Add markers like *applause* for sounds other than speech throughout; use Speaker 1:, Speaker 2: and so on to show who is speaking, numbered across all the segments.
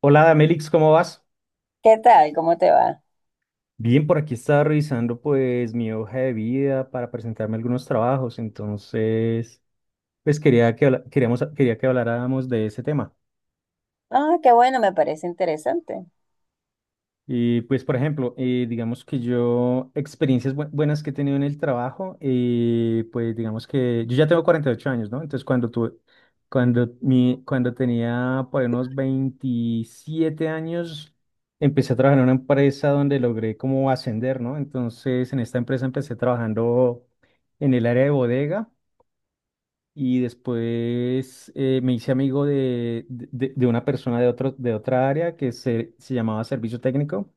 Speaker 1: Hola, Damelix, ¿cómo vas?
Speaker 2: ¿Qué tal? ¿Cómo te va?
Speaker 1: Bien, por aquí estaba revisando pues mi hoja de vida para presentarme algunos trabajos, entonces pues quería que habláramos de ese tema.
Speaker 2: Ah, qué bueno, me parece interesante.
Speaker 1: Y pues, por ejemplo, digamos que yo, experiencias buenas que he tenido en el trabajo, pues digamos que yo ya tengo 48 años, ¿no? Entonces, cuando tuve, cuando, mi, cuando tenía por ahí unos 27 años, empecé a trabajar en una empresa donde logré como ascender, ¿no? Entonces, en esta empresa empecé trabajando en el área de bodega y después me hice amigo de una persona de otra área que se llamaba servicio técnico.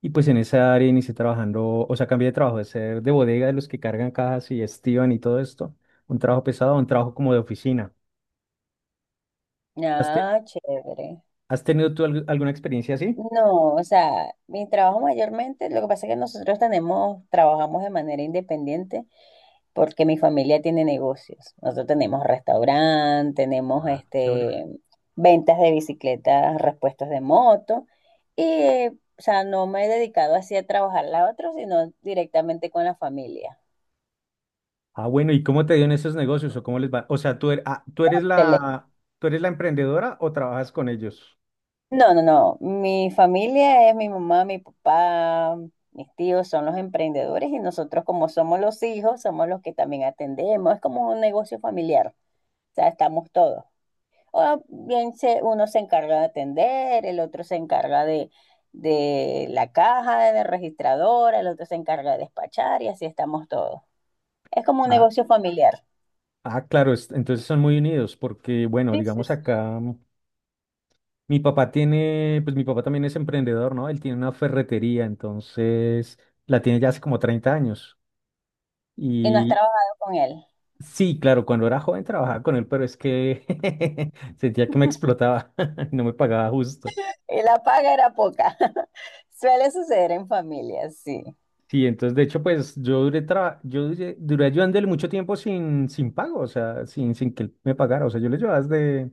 Speaker 1: Y pues en esa área inicié trabajando, o sea, cambié de trabajo de ser de bodega de los que cargan cajas y estiban y todo esto, un trabajo pesado, a un trabajo como de oficina. ¿Has, te-
Speaker 2: Ah, chévere.
Speaker 1: has tenido tú alguna experiencia así?
Speaker 2: No, o sea, mi trabajo mayormente, lo que pasa es que nosotros tenemos, trabajamos de manera independiente porque mi familia tiene negocios. Nosotros tenemos restaurante, tenemos
Speaker 1: Ah, chévere.
Speaker 2: este ventas de bicicletas, repuestos de moto y, o sea, no me he dedicado así a trabajar la otra, sino directamente con la familia.
Speaker 1: Ah, bueno, ¿y cómo te dio en esos negocios o cómo les va? O sea, tú eres la, tú eres la emprendedora o trabajas con ellos?
Speaker 2: No, no, no. Mi familia es mi mamá, mi papá, mis tíos son los emprendedores y nosotros como somos los hijos, somos los que también atendemos. Es como un negocio familiar. O sea, estamos todos. O bien se, uno se encarga de atender, el otro se encarga de la caja, de la registradora, el otro se encarga de despachar y así estamos todos. Es como un
Speaker 1: Ah,
Speaker 2: negocio familiar.
Speaker 1: ah, claro, entonces son muy unidos porque, bueno,
Speaker 2: Sí, sí,
Speaker 1: digamos
Speaker 2: sí.
Speaker 1: acá, mi papá tiene, pues mi papá también es emprendedor, ¿no? Él tiene una ferretería, entonces la tiene ya hace como 30 años.
Speaker 2: ¿Y no has
Speaker 1: Y
Speaker 2: trabajado con él?
Speaker 1: sí, claro, cuando era joven trabajaba con él, pero es que *laughs* sentía que me explotaba, *laughs* no me pagaba justo.
Speaker 2: Y la paga era poca. *laughs* Suele suceder en familias, sí.
Speaker 1: Sí, entonces de hecho, pues yo duré, duré ayudándole mucho tiempo sin pago, o sea, sin que él me pagara. O sea, yo le ayudaba desde,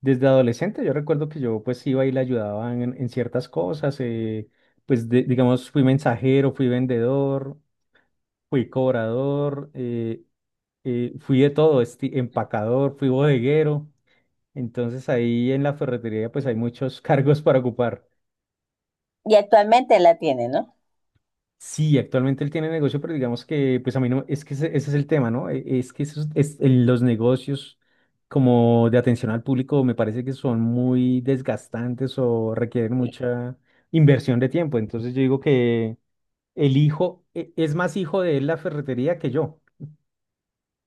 Speaker 1: desde adolescente. Yo recuerdo que yo pues iba y le ayudaba en ciertas cosas. Pues digamos, fui mensajero, fui vendedor, fui cobrador, fui de todo, empacador, fui bodeguero. Entonces ahí en la ferretería pues hay muchos *laughs* cargos para ocupar.
Speaker 2: Y actualmente la tiene, ¿no?
Speaker 1: Sí, actualmente él tiene negocio, pero digamos que pues a mí no, es que ese es el tema, ¿no? Es que los negocios como de atención al público me parece que son muy desgastantes o requieren
Speaker 2: Sí.
Speaker 1: mucha inversión de tiempo. Entonces yo digo que el hijo es más hijo de él la ferretería que yo.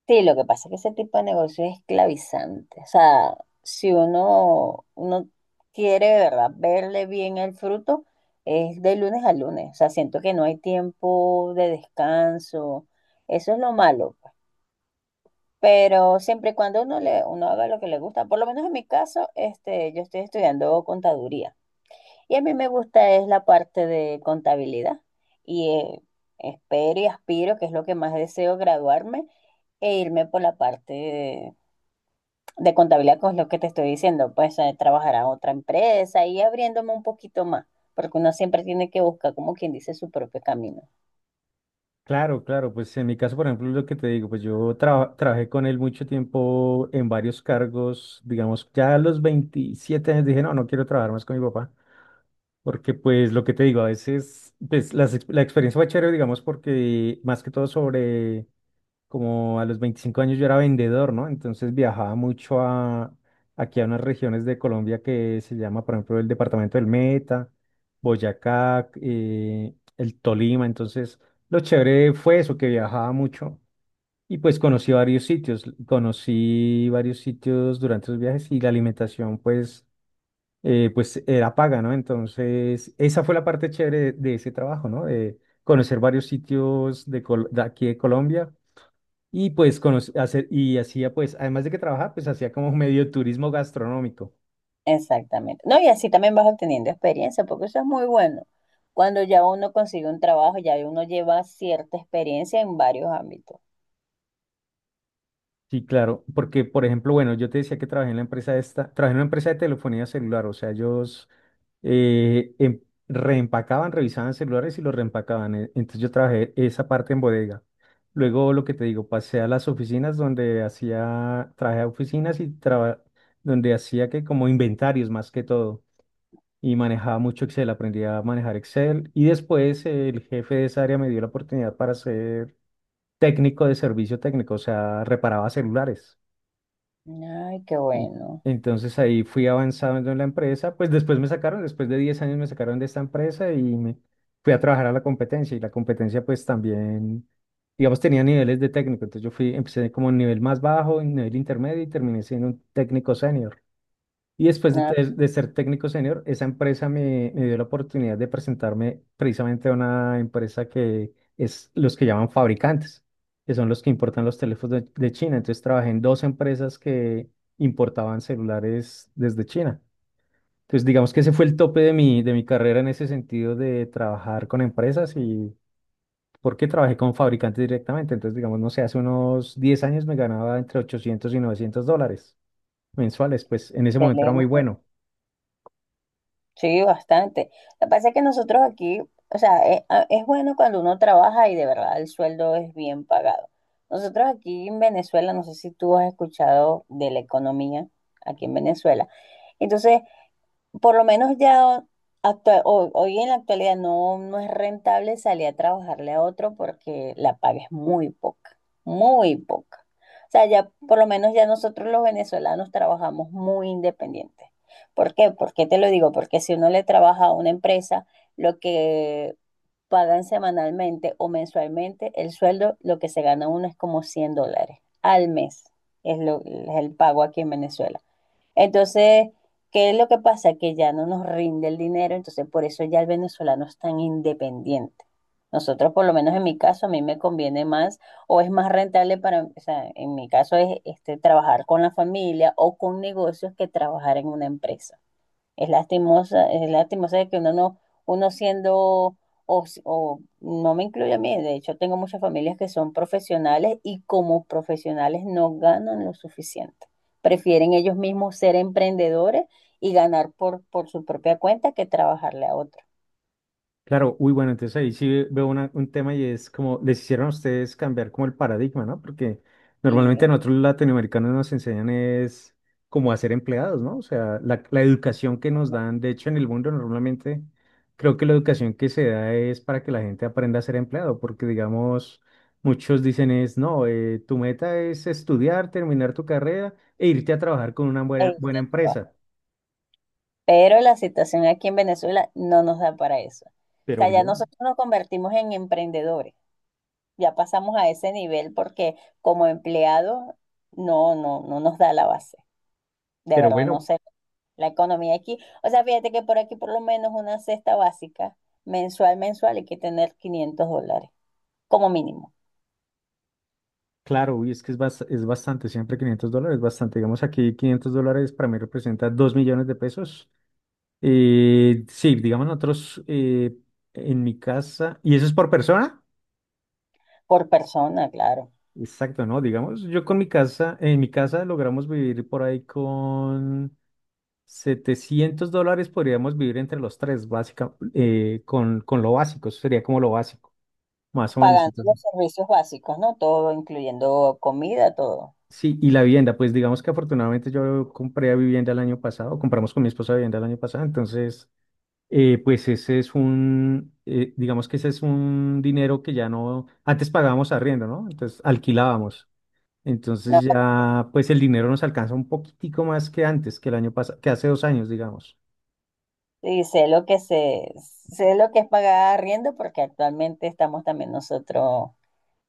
Speaker 2: Sí, lo que pasa es que ese tipo de negocio es esclavizante. O sea, si uno, uno quiere de verdad verle bien el fruto, es de lunes a lunes. O sea, siento que no hay tiempo de descanso. Eso es lo malo, pues. Pero siempre y cuando uno le, uno haga lo que le gusta, por lo menos en mi caso, este, yo estoy estudiando contaduría. Y a mí me gusta es la parte de contabilidad. Y espero y aspiro, que es lo que más deseo, graduarme e irme por la parte de contabilidad. Con lo que te estoy diciendo, pues trabajar a otra empresa y abriéndome un poquito más, porque uno siempre tiene que buscar, como quien dice, su propio camino.
Speaker 1: Claro, claro, pues en mi caso, por ejemplo, lo que te digo, pues yo trabajé con él mucho tiempo en varios cargos, digamos, ya a los 27 años dije, no, no quiero trabajar más con mi papá, porque pues lo que te digo, a veces, pues la experiencia fue chévere, digamos, porque más que todo sobre como a los 25 años yo era vendedor, ¿no? Entonces viajaba mucho a, aquí a unas regiones de Colombia que se llama, por ejemplo, el departamento del Meta, Boyacá, el Tolima. Entonces, lo chévere fue eso, que viajaba mucho y pues conocí varios sitios durante los viajes y la alimentación, pues pues era paga, ¿no? Entonces, esa fue la parte chévere de ese trabajo, ¿no? De conocer varios sitios de aquí de Colombia y pues conoc- hacer, y hacía pues, además de que trabajaba, pues hacía como *laughs* medio turismo gastronómico.
Speaker 2: Exactamente. No, y así también vas obteniendo experiencia, porque eso es muy bueno. Cuando ya uno consigue un trabajo, ya uno lleva cierta experiencia en varios ámbitos.
Speaker 1: Sí, claro, porque por ejemplo, bueno, yo te decía que trabajé en la empresa esta, trabajé en una empresa de telefonía celular, o sea, ellos eh, em- reempacaban, revisaban celulares y los reempacaban. Entonces yo trabajé esa parte en bodega. Luego, lo que te digo, pasé a las oficinas trabajé a oficinas donde hacía que como inventarios más que todo. Y manejaba mucho Excel, aprendí a manejar Excel y después el jefe de esa área me dio la oportunidad para ser técnico de servicio técnico, o sea, reparaba celulares.
Speaker 2: Ay, qué
Speaker 1: En-
Speaker 2: bueno.
Speaker 1: Entonces ahí fui avanzando en la empresa, pues después me sacaron, después de 10 años me sacaron de esta empresa y me fui a trabajar a la competencia y la competencia pues también, digamos, tenía niveles de técnico, entonces yo fui, empecé como en nivel más bajo, en nivel intermedio y terminé siendo un técnico senior. Y después
Speaker 2: Ah,
Speaker 1: de ser técnico senior, me dio la oportunidad de presentarme precisamente a una empresa que es los que llaman fabricantes, que son los que importan los teléfonos de China. Entonces trabajé en dos empresas que importaban celulares desde China. Entonces digamos que ese fue el tope de mi carrera en ese sentido de trabajar con empresas y porque trabajé con fabricantes directamente. Entonces digamos, no sé, hace unos 10 años me ganaba entre 800 y 900 dólares mensuales, pues en ese momento era muy
Speaker 2: excelente.
Speaker 1: bueno.
Speaker 2: Sí, bastante. Lo que pasa es que nosotros aquí, o sea, es, bueno, cuando uno trabaja y de verdad el sueldo es bien pagado. Nosotros aquí en Venezuela, no sé si tú has escuchado de la economía aquí en Venezuela. Entonces, por lo menos ya hoy en la actualidad no, no es rentable salir a trabajarle a otro porque la paga es muy poca, muy poca. O sea, ya por lo menos ya nosotros los venezolanos trabajamos muy independientes. ¿Por qué? ¿Por qué te lo digo? Porque si uno le trabaja a una empresa, lo que pagan semanalmente o mensualmente, el sueldo, lo que se gana uno es como $100 al mes. Es, lo, es el pago aquí en Venezuela. Entonces, ¿qué es lo que pasa? Que ya no nos rinde el dinero, entonces por eso ya el venezolano es tan independiente. Nosotros, por lo menos en mi caso, a mí me conviene más o es más rentable para, o sea, en mi caso es este, trabajar con la familia o con negocios que trabajar en una empresa. Es lastimosa de que uno no, uno siendo, o no me incluye a mí, de hecho tengo muchas familias que son profesionales y como profesionales no ganan lo suficiente. Prefieren ellos mismos ser emprendedores y ganar por su propia cuenta que trabajarle a otro.
Speaker 1: Claro, uy, bueno, entonces ahí sí veo un tema y es como les hicieron a ustedes cambiar como el paradigma, ¿no? Porque normalmente a
Speaker 2: Y,
Speaker 1: nosotros los latinoamericanos nos enseñan es cómo hacer empleados, ¿no? O sea, la educación que nos dan, de hecho en el mundo normalmente creo que la educación que se da es para que la gente aprenda a ser empleado, porque digamos, muchos dicen es, no, tu meta es estudiar, terminar tu carrera e irte a trabajar con una buena
Speaker 2: eh,
Speaker 1: empresa,
Speaker 2: pero la situación aquí en Venezuela no nos da para eso. O
Speaker 1: pero
Speaker 2: sea, ya
Speaker 1: bien,
Speaker 2: nosotros nos convertimos en emprendedores. Ya pasamos a ese nivel porque como empleado no, no, no nos da la base. De
Speaker 1: pero
Speaker 2: verdad, no
Speaker 1: bueno.
Speaker 2: sé. La economía aquí, o sea, fíjate que por aquí por lo menos una cesta básica mensual, mensual, hay que tener $500 como mínimo,
Speaker 1: Claro, uy, es que es, es bastante, siempre 500 dólares, bastante. Digamos aquí 500 dólares para mí representa 2 millones de pesos. Sí, digamos nosotros en mi casa, ¿y eso es por persona?
Speaker 2: por persona, claro,
Speaker 1: Exacto, ¿no? Digamos, yo con mi casa, en mi casa logramos vivir por ahí con 700 dólares, podríamos vivir entre los tres, básica, con lo básico, eso sería como lo básico, más o menos.
Speaker 2: pagando los servicios básicos, ¿no? Todo, incluyendo comida, todo.
Speaker 1: Sí, y la vivienda, pues digamos que afortunadamente yo compré vivienda el año pasado, compramos con mi esposa vivienda el año pasado, entonces, pues ese es un, digamos que ese es un dinero que ya no, antes pagábamos arriendo, ¿no? Entonces alquilábamos,
Speaker 2: No,
Speaker 1: entonces ya, pues el dinero nos alcanza un poquitico más que antes, que el año pasado, que hace dos años, digamos.
Speaker 2: y sé lo que se, sé lo que es pagar arriendo porque actualmente estamos también nosotros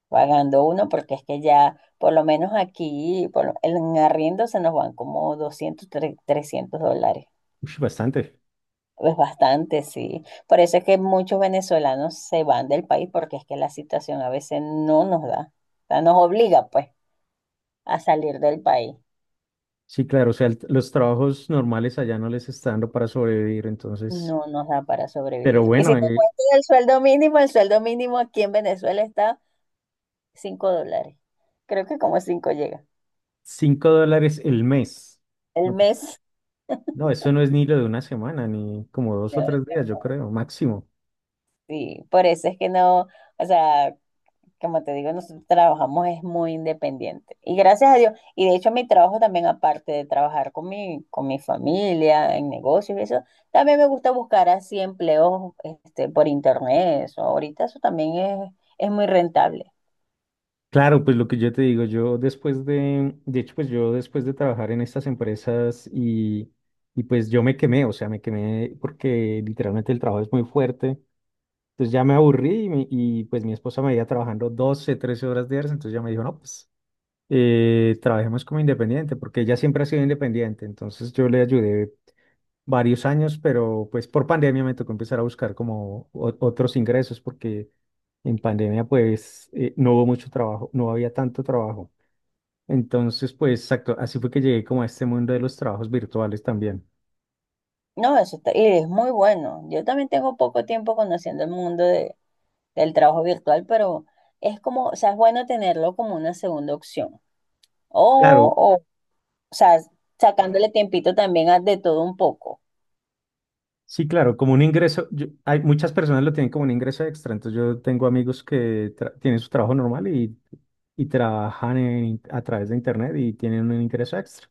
Speaker 2: pagando uno, porque es que ya, por lo menos aquí, por, en arriendo se nos van como 200 300 dólares.
Speaker 1: Ush, bastante.
Speaker 2: Es bastante, sí. Por eso es que muchos venezolanos se van del país, porque es que la situación a veces no nos da, o sea, nos obliga, pues, a salir del país.
Speaker 1: Sí, claro, o sea, los trabajos normales allá no les está dando para sobrevivir, entonces,
Speaker 2: No nos da para
Speaker 1: pero
Speaker 2: sobrevivir. Y si
Speaker 1: bueno,
Speaker 2: te cuento el sueldo mínimo aquí en Venezuela está $5. Creo que como 5 llega.
Speaker 1: cinco dólares el mes,
Speaker 2: El
Speaker 1: ¿no? Pues.
Speaker 2: mes,
Speaker 1: No, eso no es ni lo de una semana, ni como dos
Speaker 2: ¿no?
Speaker 1: o tres días, yo creo, máximo.
Speaker 2: Sí, por eso es que no, o sea, como te digo, nosotros trabajamos es muy independiente. Y gracias a Dios, y de hecho mi trabajo también, aparte de trabajar con mi familia, en negocios y eso, también me gusta buscar así empleos este, por internet. Eso. Ahorita eso también es muy rentable.
Speaker 1: Claro, pues lo que yo te digo, yo después de hecho, pues yo después de trabajar en estas empresas y pues yo me quemé, o sea, me quemé porque literalmente el trabajo es muy fuerte. Entonces ya me aburrí y pues mi esposa me iba trabajando 12, 13 horas diarias, entonces ya me dijo, no, pues trabajemos como independiente, porque ella siempre ha sido independiente, entonces yo le ayudé varios años, pero pues por pandemia me tocó empezar a buscar como otros ingresos porque en pandemia pues no hubo mucho trabajo, no había tanto trabajo. Entonces pues exacto, así fue que llegué como a este mundo de los trabajos virtuales también.
Speaker 2: No, eso está, y es muy bueno. Yo también tengo poco tiempo conociendo el mundo del trabajo virtual, pero es como, o sea, es bueno tenerlo como una segunda opción.
Speaker 1: Claro,
Speaker 2: O sea, sacándole tiempito también a de todo un poco.
Speaker 1: sí, claro, como un ingreso, hay muchas personas lo tienen como un ingreso extra, entonces yo tengo amigos que tienen su trabajo normal y trabajan a través de internet y tienen un ingreso extra.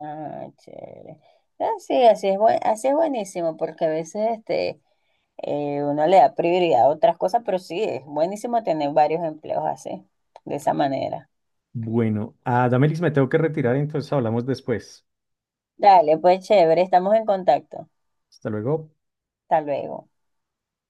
Speaker 2: Ah, chévere. Ah, sí, así es, así es buenísimo, porque a veces este, uno le da prioridad a otras cosas, pero sí, es buenísimo tener varios empleos así, de esa manera.
Speaker 1: Bueno, a Damelix me tengo que retirar, entonces hablamos después.
Speaker 2: Dale, pues chévere, estamos en contacto.
Speaker 1: Hasta luego.
Speaker 2: Hasta luego.